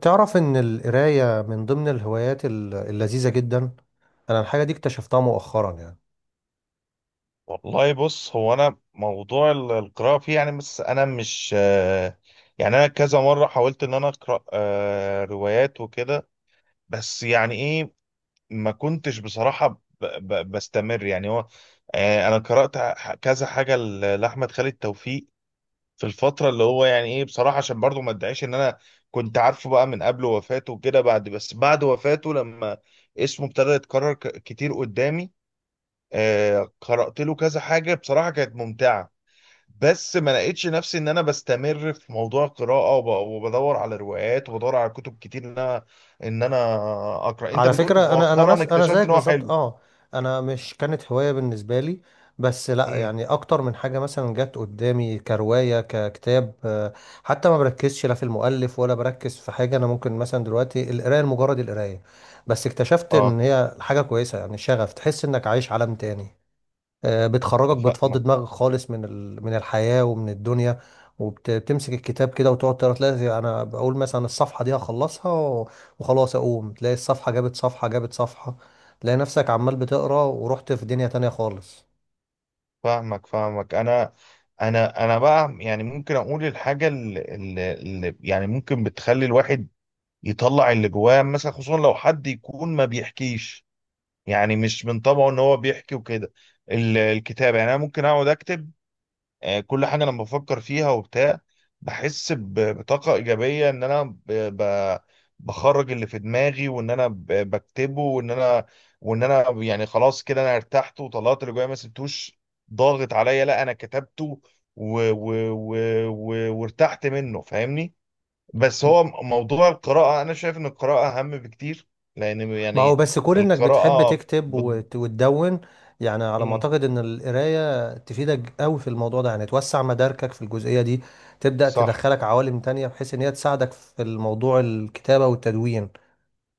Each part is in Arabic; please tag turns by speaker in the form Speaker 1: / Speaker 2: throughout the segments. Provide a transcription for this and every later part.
Speaker 1: تعرف إن القراية من ضمن الهوايات اللذيذة جدا. أنا الحاجة دي اكتشفتها مؤخرا يعني.
Speaker 2: والله بص هو انا موضوع القراءه فيه يعني بس انا مش يعني انا كذا مره حاولت ان انا اقرا روايات وكده. بس يعني ايه، ما كنتش بصراحه بستمر. يعني هو انا قرات كذا حاجه لاحمد خالد توفيق في الفتره اللي هو يعني ايه. بصراحه عشان برضو ما ادعيش ان انا كنت عارفه بقى من قبل وفاته وكده، بعد بس بعد وفاته لما اسمه ابتدى يتكرر كتير قدامي، قرات له كذا حاجه بصراحه كانت ممتعه. بس ما لقيتش نفسي ان انا بستمر في موضوع القراءة وبدور على روايات وبدور على كتب كتير، ان انا اقرا. انت
Speaker 1: على
Speaker 2: بتقول
Speaker 1: فكرة أنا أنا
Speaker 2: مؤخرا
Speaker 1: نفس أنا
Speaker 2: اكتشفت
Speaker 1: زيك
Speaker 2: ان هو
Speaker 1: بالظبط،
Speaker 2: حلو؟
Speaker 1: أه، أنا مش كانت هواية بالنسبة لي. بس لأ،
Speaker 2: امم،
Speaker 1: يعني أكتر من حاجة مثلا جت قدامي كرواية ككتاب. حتى ما بركزش لا في المؤلف ولا بركز في حاجة. أنا ممكن مثلا دلوقتي القراية لمجرد القراية، بس اكتشفت
Speaker 2: اه.
Speaker 1: إن هي حاجة كويسة، يعني شغف تحس إنك عايش عالم تاني. بتخرجك، بتفضي
Speaker 2: فاهمك،
Speaker 1: دماغك خالص من الحياة ومن الدنيا. وبتمسك الكتاب كده وتقعد تقرا، تلاقي انا بقول مثلا الصفحة دي هخلصها وخلاص، اقوم تلاقي الصفحة جابت صفحة جابت صفحة، تلاقي نفسك عمال بتقرا ورحت في دنيا تانية خالص.
Speaker 2: فاهمك، فاهمك. انا انا بقى يعني ممكن اقول الحاجة اللي يعني ممكن بتخلي الواحد يطلع اللي جواه، مثلا خصوصا لو حد يكون ما بيحكيش، يعني مش من طبعه ان هو بيحكي وكده. الكتابة، يعني انا ممكن اقعد اكتب كل حاجة أنا بفكر فيها وبتاع. بحس بطاقة إيجابية إن أنا ب- بخرج اللي في دماغي، وإن أنا بكتبه، وإن أنا يعني خلاص كده أنا ارتحت وطلعت اللي جوايا، ما سبتوش ضاغط عليا، لا أنا كتبته و و و و وارتحت منه، فاهمني. بس هو موضوع القراءة، أنا شايف إن القراءة أهم بكتير، لأن
Speaker 1: ما هو
Speaker 2: يعني
Speaker 1: بس كون انك بتحب
Speaker 2: القراءة
Speaker 1: تكتب
Speaker 2: بت...
Speaker 1: وتدون، يعني على ما
Speaker 2: مم،
Speaker 1: اعتقد ان القراية تفيدك قوي في الموضوع ده، يعني توسع مداركك في الجزئية دي، تبدأ
Speaker 2: صح.
Speaker 1: تدخلك عوالم تانية بحيث ان هي تساعدك في الموضوع الكتابة والتدوين.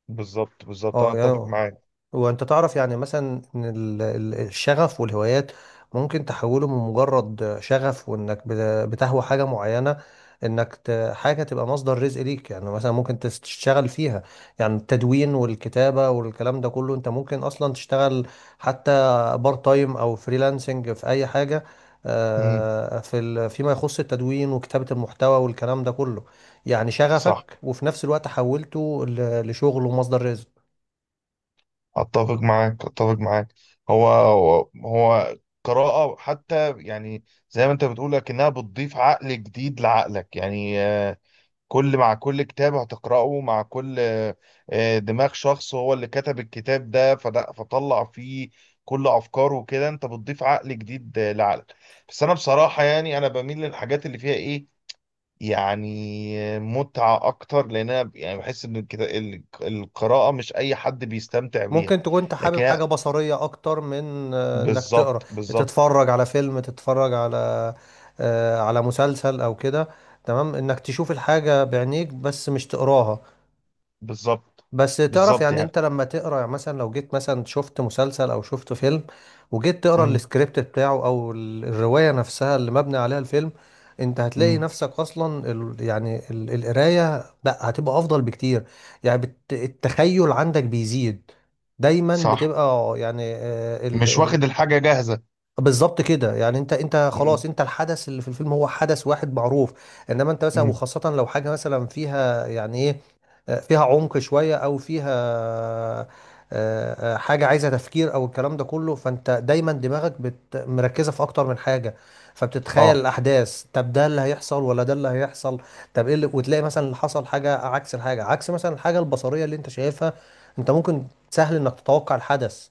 Speaker 2: بالظبط بالظبط، أنا
Speaker 1: اه يعني،
Speaker 2: أتفق معاك.
Speaker 1: هو انت تعرف يعني مثلا ان الشغف والهوايات ممكن تحوله من مجرد شغف، وانك بتهوى حاجة معينة، انك حاجة تبقى مصدر رزق ليك. يعني مثلا ممكن تشتغل فيها، يعني التدوين والكتابة والكلام ده كله انت ممكن اصلا تشتغل حتى بارت تايم او فريلانسنج في اي حاجة.
Speaker 2: مم،
Speaker 1: في فيما يخص التدوين وكتابة المحتوى والكلام ده كله، يعني
Speaker 2: صح.
Speaker 1: شغفك وفي نفس الوقت حولته لشغل ومصدر رزق.
Speaker 2: اتفق معاك، اتفق معاك. هو قراءة حتى يعني زي ما انت بتقول، لكنها بتضيف عقل جديد لعقلك، يعني مع كل كتاب هتقرأه، مع كل دماغ شخص هو اللي كتب الكتاب ده، فطلع فيه كل افكاره وكده، انت بتضيف عقل جديد لعقلك. بس انا بصراحة يعني انا بميل للحاجات اللي فيها ايه، يعني متعة أكتر، لأن أنا يعني بحس إن القراءة مش أي حد بيستمتع بيها.
Speaker 1: ممكن تكون انت
Speaker 2: لكن
Speaker 1: حابب
Speaker 2: هي-
Speaker 1: حاجة بصرية اكتر من، انك تقرا،
Speaker 2: بالظبط، بالظبط،
Speaker 1: تتفرج على فيلم، تتفرج على، على مسلسل او كده. تمام، انك تشوف الحاجة بعينيك بس مش تقراها.
Speaker 2: بالظبط،
Speaker 1: بس تعرف
Speaker 2: بالظبط.
Speaker 1: يعني
Speaker 2: يعني
Speaker 1: انت لما تقرا، يعني مثلا لو جيت مثلا شفت مسلسل او شفت فيلم وجيت تقرا
Speaker 2: مم.
Speaker 1: السكريبت بتاعه او الرواية نفسها اللي مبني عليها الفيلم، انت هتلاقي
Speaker 2: مم.
Speaker 1: نفسك اصلا ال يعني القراية لا، هتبقى افضل بكتير. يعني بت التخيل عندك بيزيد، دايما
Speaker 2: صح،
Speaker 1: بتبقى يعني
Speaker 2: مش واخد الحاجة جاهزة.
Speaker 1: بالظبط كده. يعني انت
Speaker 2: مم.
Speaker 1: خلاص، انت الحدث اللي في الفيلم هو حدث واحد معروف، انما انت مثلا
Speaker 2: مم.
Speaker 1: وخاصة لو حاجة مثلا فيها يعني ايه، فيها عمق شوية او فيها حاجة عايزة تفكير او الكلام ده كله، فانت دايما دماغك مركزة في اكتر من حاجة، فبتتخيل
Speaker 2: اه،
Speaker 1: الاحداث، طب ده اللي هيحصل ولا ده اللي هيحصل، طب ايه اللي، وتلاقي مثلا اللي حصل حاجة عكس الحاجة، عكس مثلا الحاجة البصرية اللي انت شايفها. انت ممكن، سهل انك تتوقع الحدث،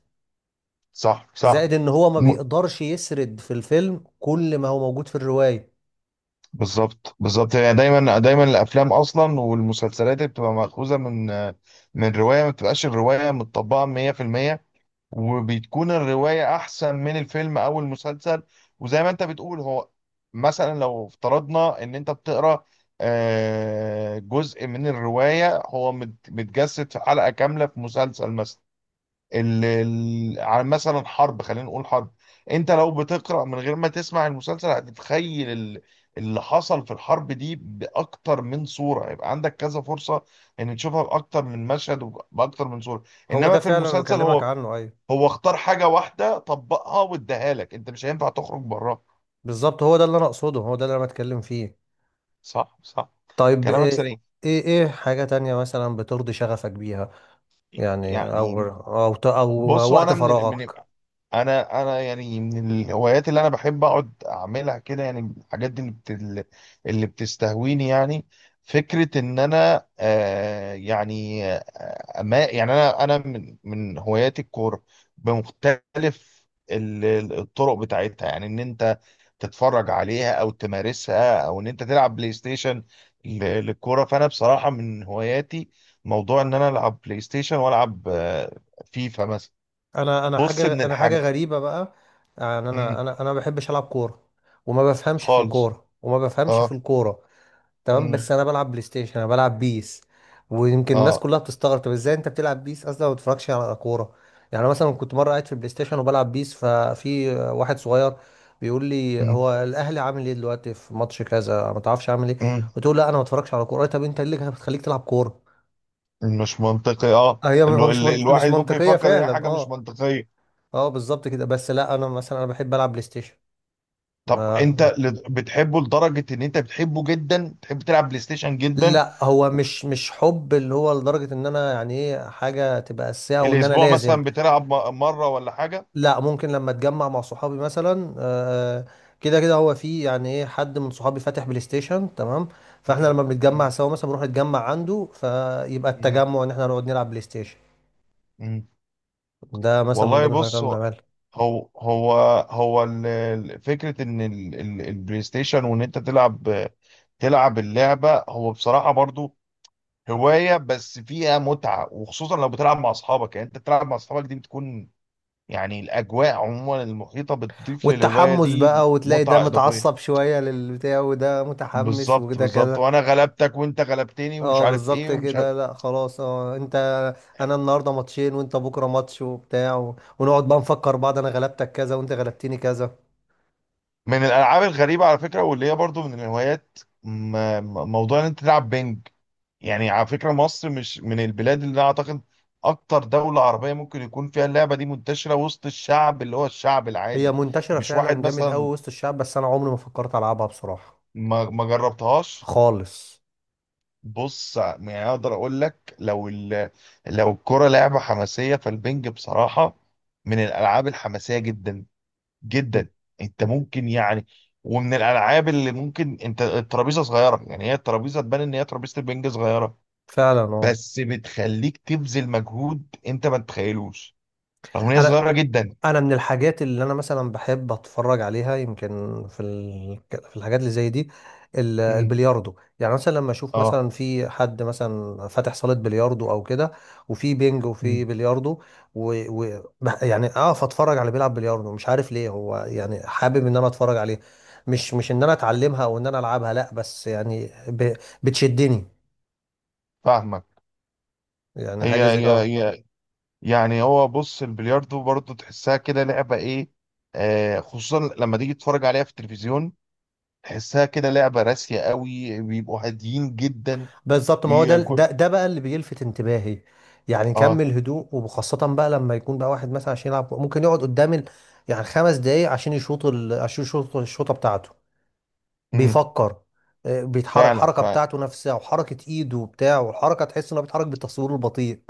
Speaker 2: صح، صح.
Speaker 1: زائد ان هو ما
Speaker 2: م-
Speaker 1: بيقدرش يسرد في الفيلم كل ما هو موجود في الرواية.
Speaker 2: بالظبط بالظبط. يعني دايما دايما الأفلام أصلا والمسلسلات اللي بتبقى مأخوذة من رواية، ما بتبقاش الرواية متطبقة 100%، وبتكون الرواية أحسن من الفيلم أو المسلسل. وزي ما أنت بتقول، هو مثلا لو افترضنا إن أنت بتقرأ جزء من الرواية هو متجسد في حلقة كاملة في مسلسل مثلا، عن مثلا حرب، خلينا نقول حرب، أنت لو بتقرأ من غير ما تسمع المسلسل هتتخيل اللي حصل في الحرب دي بأكتر من صورة، يبقى عندك كذا فرصة إن تشوفها بأكتر من مشهد وبأكتر من صورة.
Speaker 1: هو
Speaker 2: إنما
Speaker 1: ده
Speaker 2: في
Speaker 1: فعلا انا
Speaker 2: المسلسل،
Speaker 1: بكلمك
Speaker 2: هو
Speaker 1: عنه، ايوه
Speaker 2: هو اختار حاجة واحدة طبقها واداها لك، انت مش هينفع تخرج براها.
Speaker 1: بالظبط، هو ده اللي انا اقصده، هو ده اللي انا بتكلم فيه.
Speaker 2: صح، صح،
Speaker 1: طيب،
Speaker 2: كلامك
Speaker 1: ايه
Speaker 2: سليم.
Speaker 1: إيه حاجة تانية مثلا بترضي شغفك بيها؟ يعني، او
Speaker 2: يعني
Speaker 1: او ت- او
Speaker 2: بص، هو
Speaker 1: وقت
Speaker 2: انا من
Speaker 1: فراغك.
Speaker 2: انا يعني من الهوايات اللي انا بحب اقعد اعملها كده، يعني الحاجات دي اللي اللي بتستهويني يعني. فكرة ان انا ما يعني انا من هواياتي الكورة، بمختلف ال- الطرق بتاعتها، يعني ان انت تتفرج عليها، او تمارسها، او ان انت تلعب بلاي ستيشن للكوره. فانا بصراحه من هواياتي موضوع ان انا العب بلاي ستيشن، والعب فيفا مثلا.
Speaker 1: انا
Speaker 2: بص من
Speaker 1: حاجة، انا حاجة
Speaker 2: الحاج.
Speaker 1: غريبة بقى، يعني انا
Speaker 2: مم.
Speaker 1: انا انا ما بحبش العب كورة، وما بفهمش في
Speaker 2: خالص.
Speaker 1: الكورة،
Speaker 2: اه.
Speaker 1: تمام،
Speaker 2: مم.
Speaker 1: بس انا بلعب بلاي ستيشن، انا بلعب بيس. ويمكن الناس
Speaker 2: اه.
Speaker 1: كلها بتستغرب طب ازاي انت بتلعب بيس اصلا ما بتتفرجش على كوره؟ يعني أنا مثلا كنت مره قاعد في البلاي ستيشن وبلعب بيس، ففي واحد صغير بيقول لي:
Speaker 2: مم.
Speaker 1: هو الاهلي عامل ايه دلوقتي في ماتش كذا، ما تعرفش عامل ايه؟
Speaker 2: مم.
Speaker 1: قلت له: لا انا ما بتفرجش على كوره. طب انت إيه اللي بتخليك تلعب كوره؟
Speaker 2: مش منطقي، اه،
Speaker 1: هي هو مش منط...
Speaker 2: الواحد
Speaker 1: مش
Speaker 2: ممكن
Speaker 1: منطقيه
Speaker 2: يفكر ان هي
Speaker 1: فعلا،
Speaker 2: حاجه مش
Speaker 1: اه.
Speaker 2: منطقيه.
Speaker 1: اه بالظبط كده، بس لا انا مثلا انا بحب العب بلاي ستيشن.
Speaker 2: طب انت
Speaker 1: ما...
Speaker 2: بتحبه لدرجه ان انت بتحبه جدا؟ تحب تلعب بلاي ستيشن جدا؟
Speaker 1: لا هو مش حب اللي هو لدرجه ان انا، يعني ايه، حاجه تبقى اساسيه وان انا
Speaker 2: الاسبوع
Speaker 1: لازم.
Speaker 2: مثلا بتلعب مره ولا حاجه؟
Speaker 1: لا، ممكن لما اتجمع مع صحابي مثلا، كده كده هو في يعني ايه حد من صحابي فاتح بلاي ستيشن. تمام، فاحنا
Speaker 2: مم.
Speaker 1: لما بنتجمع سوا مثلا بنروح نتجمع عنده، فيبقى
Speaker 2: مم.
Speaker 1: التجمع ان احنا نقعد نلعب بلاي ستيشن.
Speaker 2: مم.
Speaker 1: ده مثلا من
Speaker 2: والله
Speaker 1: ضمن الحاجات
Speaker 2: بص،
Speaker 1: اللي بنعملها،
Speaker 2: هو هو هو فكرة ان البلاي ستيشن، وان انت تلعب اللعبة، هو بصراحة برضو هواية بس فيها متعة، وخصوصا لو بتلعب مع اصحابك، يعني انت بتلعب مع اصحابك دي، بتكون يعني الاجواء عموما المحيطة بتضيف للهواية
Speaker 1: والتحمس
Speaker 2: دي
Speaker 1: بقى، وتلاقي ده
Speaker 2: متعة اضافية.
Speaker 1: متعصب شوية للبتاع وده متحمس
Speaker 2: بالظبط،
Speaker 1: وكده
Speaker 2: بالظبط،
Speaker 1: كده.
Speaker 2: وانا غلبتك وانت غلبتني ومش
Speaker 1: اه
Speaker 2: عارف ايه
Speaker 1: بالظبط
Speaker 2: ومش عارف.
Speaker 1: كده، لا خلاص، اه انت، انا النهارده ماتشين وانت بكره ماتش وبتاع، ونقعد بقى نفكر بعض، انا غلبتك كذا وانت غلبتني كذا.
Speaker 2: من الالعاب الغريبة على فكرة، واللي هي برضو من الهوايات، موضوع ان انت تلعب بينج. يعني على فكرة مصر مش من البلاد اللي أنا أعتقد أكتر دولة عربية ممكن يكون فيها اللعبة دي منتشرة وسط الشعب، اللي هو الشعب
Speaker 1: هي
Speaker 2: العادي.
Speaker 1: منتشرة
Speaker 2: مش واحد
Speaker 1: فعلا جامد قوي
Speaker 2: مثلا
Speaker 1: وسط الشعب، بس انا عمري ما فكرت العبها بصراحة
Speaker 2: ما جربتهاش.
Speaker 1: خالص.
Speaker 2: بص، يعني أقدر أقول لك، لو الكرة لعبة حماسية، فالبنج بصراحة من الألعاب الحماسية جدا
Speaker 1: م-
Speaker 2: جدا. أنت
Speaker 1: م-
Speaker 2: ممكن يعني ومن الألعاب اللي ممكن، أنت الترابيزة صغيرة، يعني هي الترابيزة تبان إن هي ترابيزة البنج صغيرة،
Speaker 1: فعلا اه.
Speaker 2: بس بتخليك تبذل مجهود انت ما تتخيلوش، رغم ان هي
Speaker 1: انا
Speaker 2: صغيره جدا.
Speaker 1: انا من الحاجات اللي انا مثلا بحب اتفرج عليها يمكن في الحاجات اللي زي دي،
Speaker 2: امم.
Speaker 1: البلياردو. يعني مثلا لما اشوف
Speaker 2: اه.
Speaker 1: مثلا في حد مثلا فاتح صالة بلياردو او كده، وفي بينج وفي
Speaker 2: امم.
Speaker 1: بلياردو، و... يعني اقف اتفرج على بيلعب بلياردو. مش عارف ليه، هو يعني حابب ان انا اتفرج عليه. مش ان انا اتعلمها او ان انا العبها، لا، بس يعني بتشدني.
Speaker 2: فاهمك.
Speaker 1: يعني
Speaker 2: هي
Speaker 1: حاجة زي
Speaker 2: هي
Speaker 1: اه
Speaker 2: هي يعني هو، بص، البلياردو برضه تحسها كده لعبه ايه، خصوصا لما تيجي تتفرج عليها في التلفزيون، تحسها كده لعبه راسيه قوي، بيبقوا هاديين جدا.
Speaker 1: بالظبط، ما هو ده ده
Speaker 2: كل.
Speaker 1: ده بقى اللي بيلفت انتباهي. يعني
Speaker 2: اه.
Speaker 1: كمل هدوء، وخاصة بقى لما يكون بقى واحد مثلا عشان يلعب ممكن يقعد قدام يعني 5 دقايق عشان يشوط عشان يشوط الشوطة بتاعته،
Speaker 2: امم.
Speaker 1: بيفكر، بيتحرك
Speaker 2: فعلا.
Speaker 1: الحركة بتاعته نفسها، وحركة ايده وبتاع، والحركة تحس انه بيتحرك بالتصوير البطيء.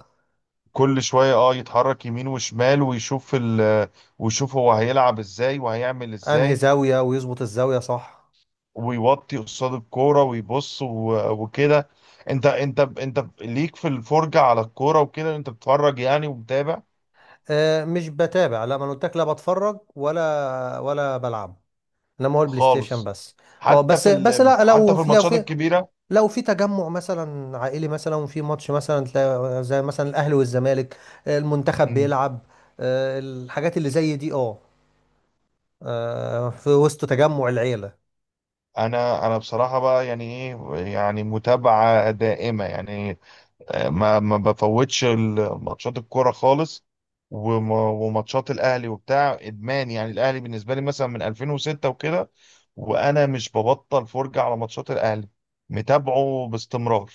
Speaker 2: فكل شويه اه يتحرك يمين وشمال، ويشوف ويشوف هو هيلعب ازاي وهيعمل
Speaker 1: انهي
Speaker 2: ازاي،
Speaker 1: زاوية ويظبط الزاوية صح.
Speaker 2: ويوطي قصاد الكوره ويبص وكده. انت ليك في الفرجه على الكوره وكده، انت بتتفرج يعني ومتابع.
Speaker 1: مش بتابع، لا ما أنا قلت لك لا بتفرج ولا بلعب، انما هو البلاي ستيشن
Speaker 2: خالص.
Speaker 1: بس. اه
Speaker 2: حتى
Speaker 1: بس بس لا، لو
Speaker 2: حتى في
Speaker 1: لو
Speaker 2: الماتشات
Speaker 1: في،
Speaker 2: الكبيره.
Speaker 1: لو في تجمع مثلا عائلي مثلا وفي ماتش مثلا تلاقي، زي مثلا الاهلي والزمالك، المنتخب
Speaker 2: مم.
Speaker 1: بيلعب، الحاجات اللي زي دي اه، في وسط تجمع العيلة.
Speaker 2: انا بصراحه بقى يعني ايه، يعني متابعه دائمه، يعني ما بفوتش ماتشات الكوره خالص، وماتشات الاهلي وبتاع، ادمان. يعني الاهلي بالنسبه لي مثلا من 2006 وكده، وانا مش ببطل فرجه على ماتشات الاهلي، متابعه باستمرار.